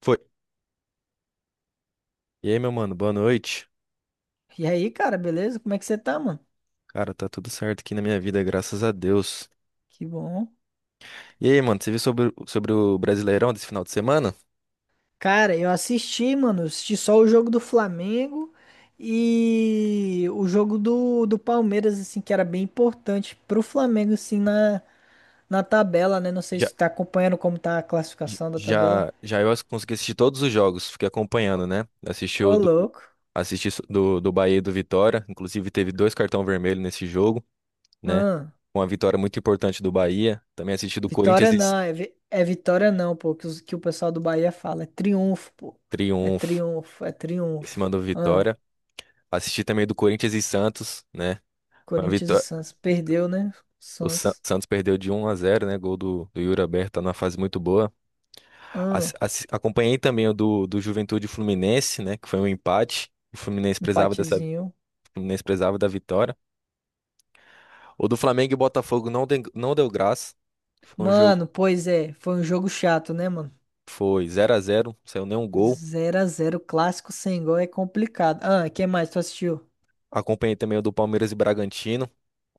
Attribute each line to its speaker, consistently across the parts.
Speaker 1: Foi. E aí, meu mano, boa noite.
Speaker 2: E aí, cara, beleza? Como é que você tá, mano?
Speaker 1: Cara, tá tudo certo aqui na minha vida, graças a Deus.
Speaker 2: Que bom.
Speaker 1: E aí, mano, você viu sobre, sobre o Brasileirão desse final de semana?
Speaker 2: Cara, eu assisti, mano, assisti só o jogo do Flamengo e o jogo do Palmeiras, assim, que era bem importante pro Flamengo, assim, na tabela, né? Não sei
Speaker 1: Já,
Speaker 2: se tu tá acompanhando como tá a
Speaker 1: j-
Speaker 2: classificação da tabela.
Speaker 1: já, já eu consegui assistir todos os jogos, fiquei acompanhando, né? Assisti o
Speaker 2: Ô,
Speaker 1: do,
Speaker 2: louco.
Speaker 1: assisti so- do, do Bahia e do Vitória, inclusive teve dois cartão vermelho nesse jogo, né?
Speaker 2: Hum,
Speaker 1: Uma vitória muito importante do Bahia. Também assisti do Corinthians
Speaker 2: vitória
Speaker 1: e
Speaker 2: não, é, vi- é vitória não, pô, que, os- que o pessoal do Bahia fala. É triunfo, pô. É
Speaker 1: triunfo
Speaker 2: triunfo, é
Speaker 1: em cima
Speaker 2: triunfo.
Speaker 1: do Vitória. Assisti também do Corinthians e Santos, né?
Speaker 2: Corinthians e Santos. Perdeu, né? Santos.
Speaker 1: Santos perdeu de 1-0, né? Gol do Yuri Alberto, tá numa fase muito boa.
Speaker 2: Hum.
Speaker 1: Acompanhei também o do Juventude e Fluminense, né? Que foi um empate. O
Speaker 2: Empatezinho.
Speaker 1: Fluminense precisava da vitória. O do Flamengo e Botafogo não, não deu graça. Foi um jogo,
Speaker 2: Mano, pois é, foi um jogo chato, né, mano?
Speaker 1: foi 0-0, não saiu nenhum gol.
Speaker 2: Zero a zero, clássico sem gol é complicado. Ah, quem mais tu assistiu?
Speaker 1: Acompanhei também o do Palmeiras e Bragantino,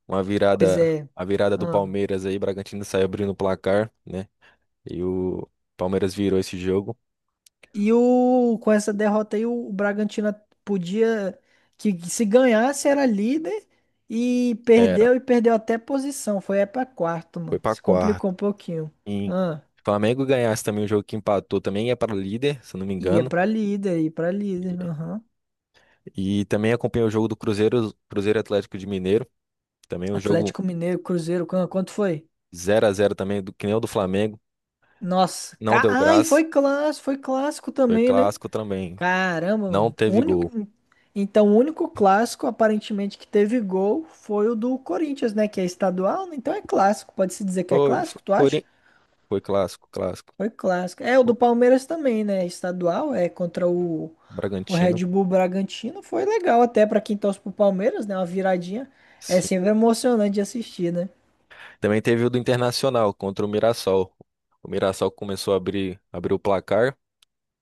Speaker 1: uma
Speaker 2: Pois
Speaker 1: virada,
Speaker 2: é.
Speaker 1: a virada do
Speaker 2: Ah.
Speaker 1: Palmeiras aí, Bragantino saiu abrindo o placar, né? E o Palmeiras virou esse jogo.
Speaker 2: E o, com essa derrota aí, o Bragantino podia, que se ganhasse era líder
Speaker 1: Era,
Speaker 2: e perdeu até posição. Foi aí pra quarto,
Speaker 1: foi
Speaker 2: mano.
Speaker 1: pra
Speaker 2: Se
Speaker 1: quarta.
Speaker 2: complicou um pouquinho.
Speaker 1: E
Speaker 2: Ah,
Speaker 1: se o Flamengo ganhasse também o jogo que empatou, também ia para o líder, se eu não me
Speaker 2: ia
Speaker 1: engano.
Speaker 2: pra líder, ia pra líder. Aham.
Speaker 1: E também acompanhei o jogo do Cruzeiro, Cruzeiro Atlético de Mineiro. Também o jogo
Speaker 2: Atlético Mineiro, Cruzeiro, qu- quanto foi?
Speaker 1: 0-0 também, do, que nem o do Flamengo.
Speaker 2: Nossa,
Speaker 1: Não
Speaker 2: ca...
Speaker 1: deu
Speaker 2: ai,
Speaker 1: graça.
Speaker 2: foi clássico
Speaker 1: Foi
Speaker 2: também, né?
Speaker 1: clássico também.
Speaker 2: Caramba,
Speaker 1: Não
Speaker 2: mano. O
Speaker 1: teve
Speaker 2: único...
Speaker 1: gol.
Speaker 2: Então, o único clássico, aparentemente, que teve gol foi o do Corinthians, né? Que é estadual, né? Então é clássico. Pode-se dizer que é
Speaker 1: Foi, foi,
Speaker 2: clássico, tu acha?
Speaker 1: Cori- foi clássico, clássico.
Speaker 2: Foi clássico. É, o do Palmeiras também, né? Estadual, é contra o
Speaker 1: Bragantino,
Speaker 2: Red Bull Bragantino. Foi legal até pra quem torce pro Palmeiras, né? Uma viradinha. É
Speaker 1: sim.
Speaker 2: sempre emocionante de assistir, né?
Speaker 1: Também teve o do Internacional contra o Mirassol. O Mirassol começou a abrir o placar.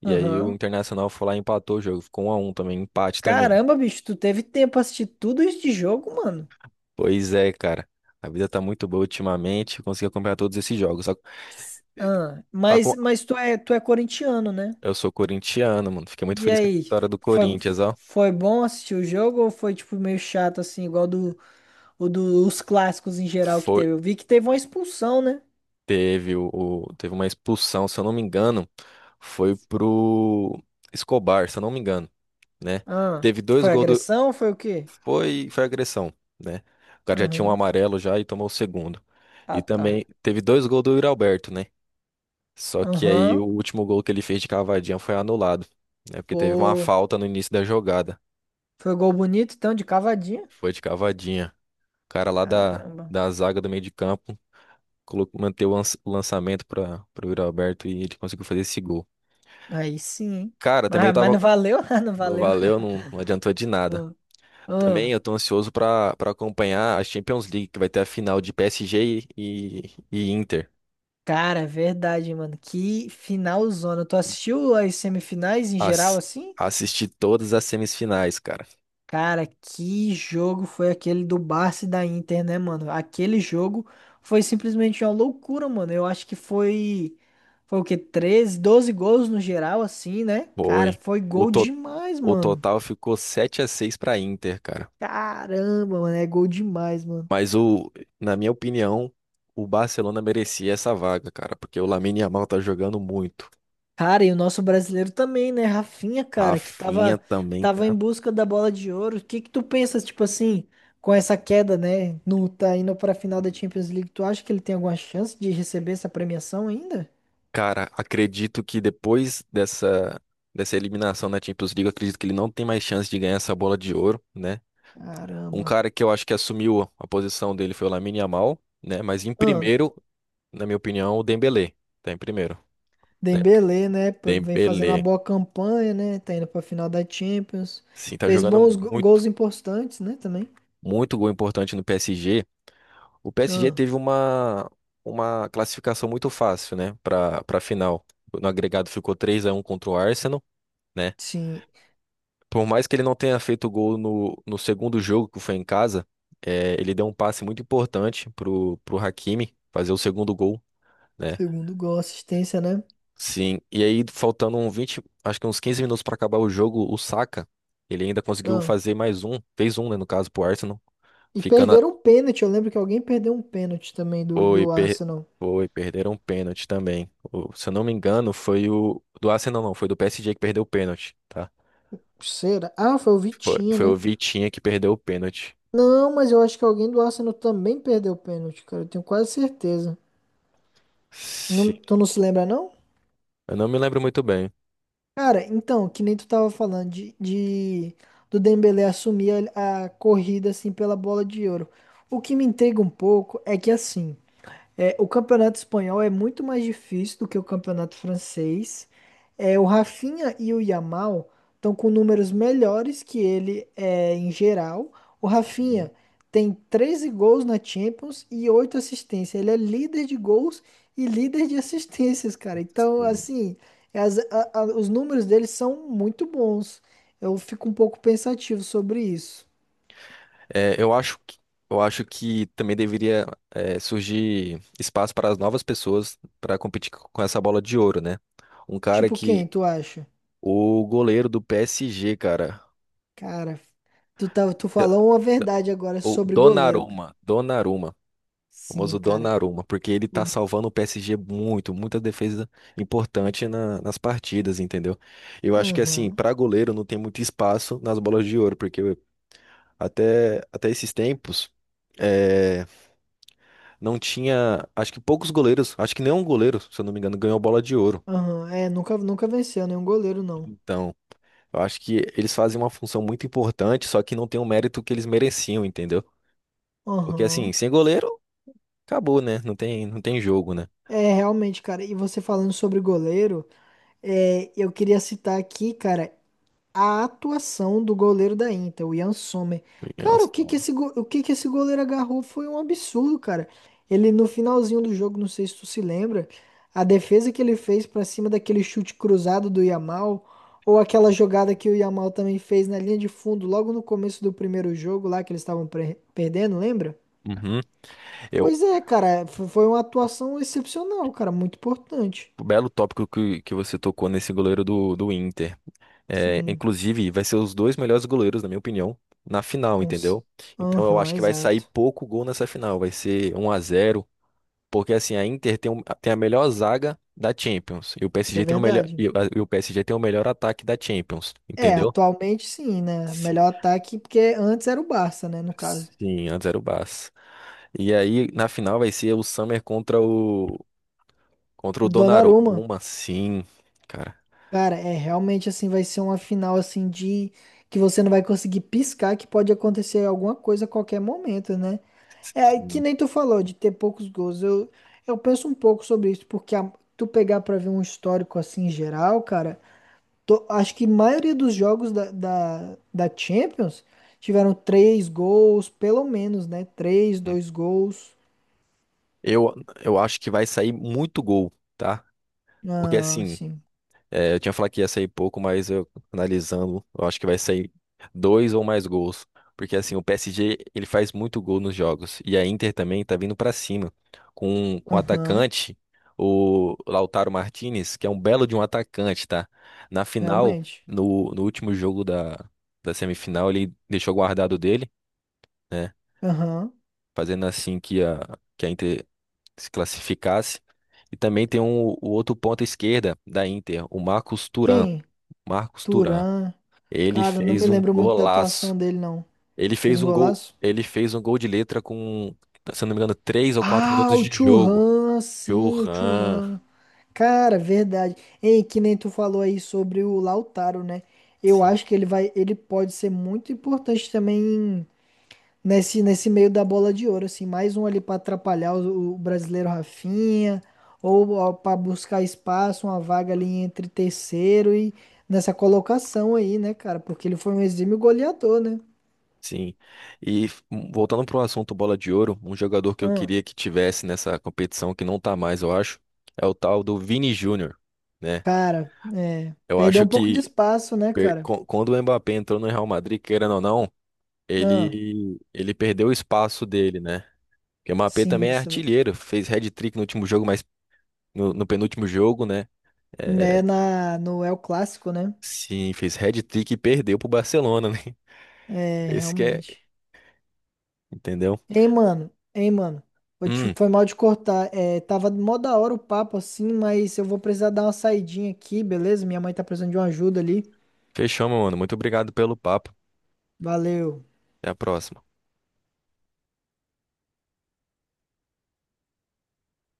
Speaker 1: E aí o
Speaker 2: Aham.
Speaker 1: Internacional foi lá e empatou o jogo. Ficou 1-1 também, empate também.
Speaker 2: Caramba, bicho, tu teve tempo pra assistir tudo isso de jogo, mano?
Speaker 1: Pois é, cara. A vida tá muito boa ultimamente. Eu Consegui acompanhar todos esses jogos. Só-
Speaker 2: Ah,
Speaker 1: a
Speaker 2: mas, tu é corintiano, né?
Speaker 1: Eu sou corintiano, mano. Fiquei muito
Speaker 2: E
Speaker 1: feliz com a
Speaker 2: aí,
Speaker 1: vitória do
Speaker 2: foi,
Speaker 1: Corinthians, ó.
Speaker 2: foi bom assistir o jogo ou foi tipo meio chato assim, igual do, o dos clássicos em geral que
Speaker 1: Foi,
Speaker 2: teve? Eu vi que teve uma expulsão, né?
Speaker 1: teve teve uma expulsão, se eu não me engano, foi pro Escobar, se eu não me engano, né?
Speaker 2: Ah,
Speaker 1: Teve dois
Speaker 2: foi
Speaker 1: gols do
Speaker 2: agressão? Foi o quê?
Speaker 1: Foi agressão, né? O cara já tinha um
Speaker 2: Aham.
Speaker 1: amarelo já e tomou o segundo.
Speaker 2: Ah,
Speaker 1: E
Speaker 2: tá.
Speaker 1: também teve dois gols do Yuri Alberto, né? Só que aí o
Speaker 2: Aham.
Speaker 1: último gol que ele fez de cavadinha foi anulado, né? Porque teve uma
Speaker 2: Pô,
Speaker 1: falta no início da jogada.
Speaker 2: foi gol bonito então, de cavadinha?
Speaker 1: Foi de cavadinha. O cara lá
Speaker 2: Caramba.
Speaker 1: da zaga do meio de campo colocou, manteve o lançamento para o Yuri Alberto e ele conseguiu fazer esse gol.
Speaker 2: Aí sim, hein?
Speaker 1: Cara, também eu
Speaker 2: Mas
Speaker 1: tava.
Speaker 2: não valeu? Não
Speaker 1: Não
Speaker 2: valeu.
Speaker 1: valeu, não, não adiantou de nada.
Speaker 2: Ah,
Speaker 1: Também
Speaker 2: ah.
Speaker 1: eu tô ansioso para acompanhar a Champions League, que vai ter a final de PSG e Inter.
Speaker 2: Cara, é verdade, mano. Que finalzona. Tu assistiu as semifinais em geral
Speaker 1: As,
Speaker 2: assim?
Speaker 1: assisti todas as semifinais, cara.
Speaker 2: Cara, que jogo foi aquele do Barça e da Inter, né, mano? Aquele jogo foi simplesmente uma loucura, mano. Eu acho que foi. Foi o quê? 13 12 gols no geral, assim, né? Cara,
Speaker 1: Foi.
Speaker 2: foi
Speaker 1: O,
Speaker 2: gol
Speaker 1: to,
Speaker 2: demais,
Speaker 1: o
Speaker 2: mano.
Speaker 1: total ficou 7-6 para Inter, cara.
Speaker 2: Caramba, mano, é gol demais, mano.
Speaker 1: Mas na minha opinião, o Barcelona merecia essa vaga, cara, porque o Lamine Yamal tá jogando muito.
Speaker 2: Cara, e o nosso brasileiro também, né? Rafinha, cara,
Speaker 1: Rafinha também
Speaker 2: tava em
Speaker 1: tá.
Speaker 2: busca da bola de ouro. O que que tu pensa, tipo assim, com essa queda, né? No, tá indo pra final da Champions League. Tu acha que ele tem alguma chance de receber essa premiação ainda?
Speaker 1: Cara, acredito que depois dessa dessa eliminação na Champions League, eu acredito que ele não tem mais chance de ganhar essa bola de ouro, né? Um
Speaker 2: Caramba.
Speaker 1: cara que eu acho que assumiu a posição dele foi o Lamine Yamal, né? Mas em
Speaker 2: Ah,
Speaker 1: primeiro, na minha opinião, o Dembélé tá em primeiro, né? Porque
Speaker 2: Dembélé, né? Pô, vem fazendo uma
Speaker 1: Dembélé,
Speaker 2: boa campanha, né? Tá indo pra final da Champions.
Speaker 1: sim, tá
Speaker 2: Fez
Speaker 1: jogando
Speaker 2: bons go-
Speaker 1: muito,
Speaker 2: gols importantes, né? Também.
Speaker 1: muito gol importante no PSG. O PSG
Speaker 2: Ah,
Speaker 1: teve uma classificação muito fácil, né, para final. No agregado ficou 3-1 contra o Arsenal, né?
Speaker 2: sim.
Speaker 1: Por mais que ele não tenha feito gol no segundo jogo, que foi em casa, ele deu um passe muito importante pro Hakimi fazer o segundo gol, né?
Speaker 2: Segundo gol, assistência, né?
Speaker 1: Sim, e aí faltando um 20, acho que uns 15 minutos para acabar o jogo, o Saka, ele ainda conseguiu fazer mais um, fez um, né, no caso, pro Arsenal,
Speaker 2: E
Speaker 1: ficando
Speaker 2: perderam um pênalti. Eu lembro que alguém perdeu um pênalti também do,
Speaker 1: Foi,
Speaker 2: do
Speaker 1: per...
Speaker 2: Arsenal.
Speaker 1: foi, perderam um pênalti também. Se eu não me engano, foi o do Arsenal, não, foi do PSG que perdeu o pênalti, tá?
Speaker 2: Será? Ah, foi o
Speaker 1: Foi,
Speaker 2: Vitinho,
Speaker 1: foi o
Speaker 2: né?
Speaker 1: Vitinha que perdeu o pênalti.
Speaker 2: Não, mas eu acho que alguém do Arsenal também perdeu o pênalti, cara. Eu tenho quase certeza. Não-
Speaker 1: Se-
Speaker 2: tu não se lembra, não?
Speaker 1: Eu não me lembro muito bem.
Speaker 2: Cara, então, que nem tu tava falando do Dembélé assumir a corrida assim pela bola de ouro. O que me intriga um pouco é que assim. É, o campeonato espanhol é muito mais difícil do que o campeonato francês. É, o Rafinha e o Yamal estão com números melhores que ele é, em geral. O
Speaker 1: Sim,
Speaker 2: Rafinha tem 13 gols na Champions e 8 assistências. Ele é líder de gols e líder de assistências, cara. Então,
Speaker 1: sim.
Speaker 2: assim, as- a- os números dele são muito bons. Eu fico um pouco pensativo sobre isso.
Speaker 1: É, eu acho que também deveria surgir espaço para as novas pessoas para competir com essa bola de ouro, né? Um cara
Speaker 2: Tipo
Speaker 1: que
Speaker 2: quem, tu acha?
Speaker 1: o goleiro do PSG, cara,
Speaker 2: Cara, tu falou uma verdade agora
Speaker 1: o
Speaker 2: sobre goleiro, cara.
Speaker 1: Donnarumma. O
Speaker 2: Sim,
Speaker 1: famoso
Speaker 2: cara.
Speaker 1: Donnarumma, porque ele
Speaker 2: O-
Speaker 1: tá salvando o PSG muito, muita defesa importante nas partidas, entendeu? Eu acho que assim,
Speaker 2: Aham,
Speaker 1: pra goleiro não tem muito espaço nas bolas de ouro, porque até, até esses tempos é, não tinha, acho que poucos goleiros, acho que nenhum goleiro, se eu não me engano, ganhou bola de ouro.
Speaker 2: aham. É, nunca, nunca venceu nenhum goleiro, não.
Speaker 1: Então, eu acho que eles fazem uma função muito importante, só que não tem o mérito que eles mereciam, entendeu? Porque assim,
Speaker 2: Aham.
Speaker 1: sem goleiro, acabou, né? Não tem jogo, né?
Speaker 2: É, realmente, cara. E você falando sobre goleiro, é, eu queria citar aqui, cara. A atuação do goleiro da Inter, o Ian Sommer. Cara,
Speaker 1: Nossa,
Speaker 2: o que que
Speaker 1: então.
Speaker 2: esse, go- o que que esse goleiro agarrou foi um absurdo, cara. Ele no finalzinho do jogo, não sei se tu se lembra, a defesa que ele fez pra cima daquele chute cruzado do Yamal, ou aquela jogada que o Yamal também fez na linha de fundo, logo no começo do primeiro jogo lá que eles estavam pre- perdendo, lembra?
Speaker 1: Uhum. Eu,
Speaker 2: Pois é, cara, fo- foi uma atuação excepcional, cara, muito importante.
Speaker 1: belo tópico que você tocou nesse goleiro do, do Inter. É,
Speaker 2: Sim,
Speaker 1: inclusive, vai ser os dois melhores goleiros, na minha opinião, na final,
Speaker 2: cons...
Speaker 1: entendeu? Então eu
Speaker 2: Aham,
Speaker 1: acho que vai sair
Speaker 2: exato.
Speaker 1: pouco gol nessa final, vai ser 1-0 porque assim, a Inter tem, tem a melhor zaga da Champions, e o
Speaker 2: Isso é
Speaker 1: PSG tem o melhor e,
Speaker 2: verdade.
Speaker 1: o e o PSG tem o melhor ataque da Champions,
Speaker 2: É,
Speaker 1: entendeu?
Speaker 2: atualmente sim, né?
Speaker 1: Sim,
Speaker 2: Melhor ataque, porque antes era o Barça, né? No caso.
Speaker 1: sim, antes era o Barça. E aí na final vai ser o Summer contra o
Speaker 2: Donnarumma,
Speaker 1: Donnarumma, sim, cara.
Speaker 2: cara, é realmente assim, vai ser uma final assim de que você não vai conseguir piscar, que pode acontecer alguma coisa a qualquer momento, né? É que
Speaker 1: Sim.
Speaker 2: nem tu falou de ter poucos gols. Eu penso um pouco sobre isso, porque a- tu pegar pra ver um histórico assim geral, cara, to- acho que a maioria dos jogos da Champions tiveram três gols, pelo menos, né? Três, dois gols.
Speaker 1: Eu, eu acho que vai sair muito gol, tá? Porque
Speaker 2: Ah,
Speaker 1: assim,
Speaker 2: sim.
Speaker 1: eu tinha falado que ia sair pouco, mas eu analisando, eu acho que vai sair dois ou mais gols. Porque assim, o PSG, ele faz muito gol nos jogos. E a Inter também tá vindo pra cima. Com o
Speaker 2: Aham,
Speaker 1: atacante, o Lautaro Martinez, que é um belo de um atacante, tá? Na final,
Speaker 2: realmente.
Speaker 1: no último jogo da semifinal, ele deixou guardado dele, né?
Speaker 2: Aham.
Speaker 1: Fazendo assim que a Inter se classificasse. E também tem um, o outro ponta esquerda da Inter, o Marcos Thuram.
Speaker 2: Quem?
Speaker 1: Marcos Thuram.
Speaker 2: Turan.
Speaker 1: Ele
Speaker 2: Cara, não me
Speaker 1: fez um
Speaker 2: lembro muito da
Speaker 1: golaço.
Speaker 2: atuação dele, não. Fez um golaço?
Speaker 1: Ele fez um gol de letra com, se eu não me engano, três ou quatro
Speaker 2: Ah,
Speaker 1: minutos
Speaker 2: o
Speaker 1: de jogo.
Speaker 2: Churran, sim, o
Speaker 1: Johan.
Speaker 2: Churran. Cara, verdade. Ei, que nem tu falou aí sobre o Lautaro, né? Eu
Speaker 1: Sim.
Speaker 2: acho que ele vai, ele pode ser muito importante também nesse meio da bola de ouro, assim, mais um ali para atrapalhar o brasileiro Rafinha, ou para buscar espaço, uma vaga ali entre terceiro e nessa colocação aí, né, cara? Porque ele foi um exímio goleador, né?
Speaker 1: Sim. E voltando para o assunto bola de ouro, um jogador que eu
Speaker 2: Ah,
Speaker 1: queria que tivesse nessa competição, que não tá mais, eu acho, é o tal do Vini Júnior, né?
Speaker 2: cara, é,
Speaker 1: Eu
Speaker 2: perdeu
Speaker 1: acho
Speaker 2: um pouco de
Speaker 1: que
Speaker 2: espaço, né, cara?
Speaker 1: quando o Mbappé entrou no Real Madrid, querendo ou não,
Speaker 2: Ah,
Speaker 1: Ele perdeu o espaço dele, né? Porque o Mbappé
Speaker 2: sim,
Speaker 1: também é
Speaker 2: isso,
Speaker 1: artilheiro, fez hat-trick no último jogo, mas no penúltimo jogo, né?
Speaker 2: né,
Speaker 1: É,
Speaker 2: na, no El Clássico, né?
Speaker 1: sim, fez hat-trick e perdeu pro Barcelona, né?
Speaker 2: É,
Speaker 1: Esse que é,
Speaker 2: realmente.
Speaker 1: entendeu?
Speaker 2: Ei, mano, ei, mano. Vou te-
Speaker 1: Hum,
Speaker 2: Foi mal de cortar. É, tava mó da hora o papo assim, mas eu vou precisar dar uma saidinha aqui, beleza? Minha mãe tá precisando de uma ajuda ali.
Speaker 1: fechou, meu mano. Muito obrigado pelo papo.
Speaker 2: Valeu.
Speaker 1: Até a próxima.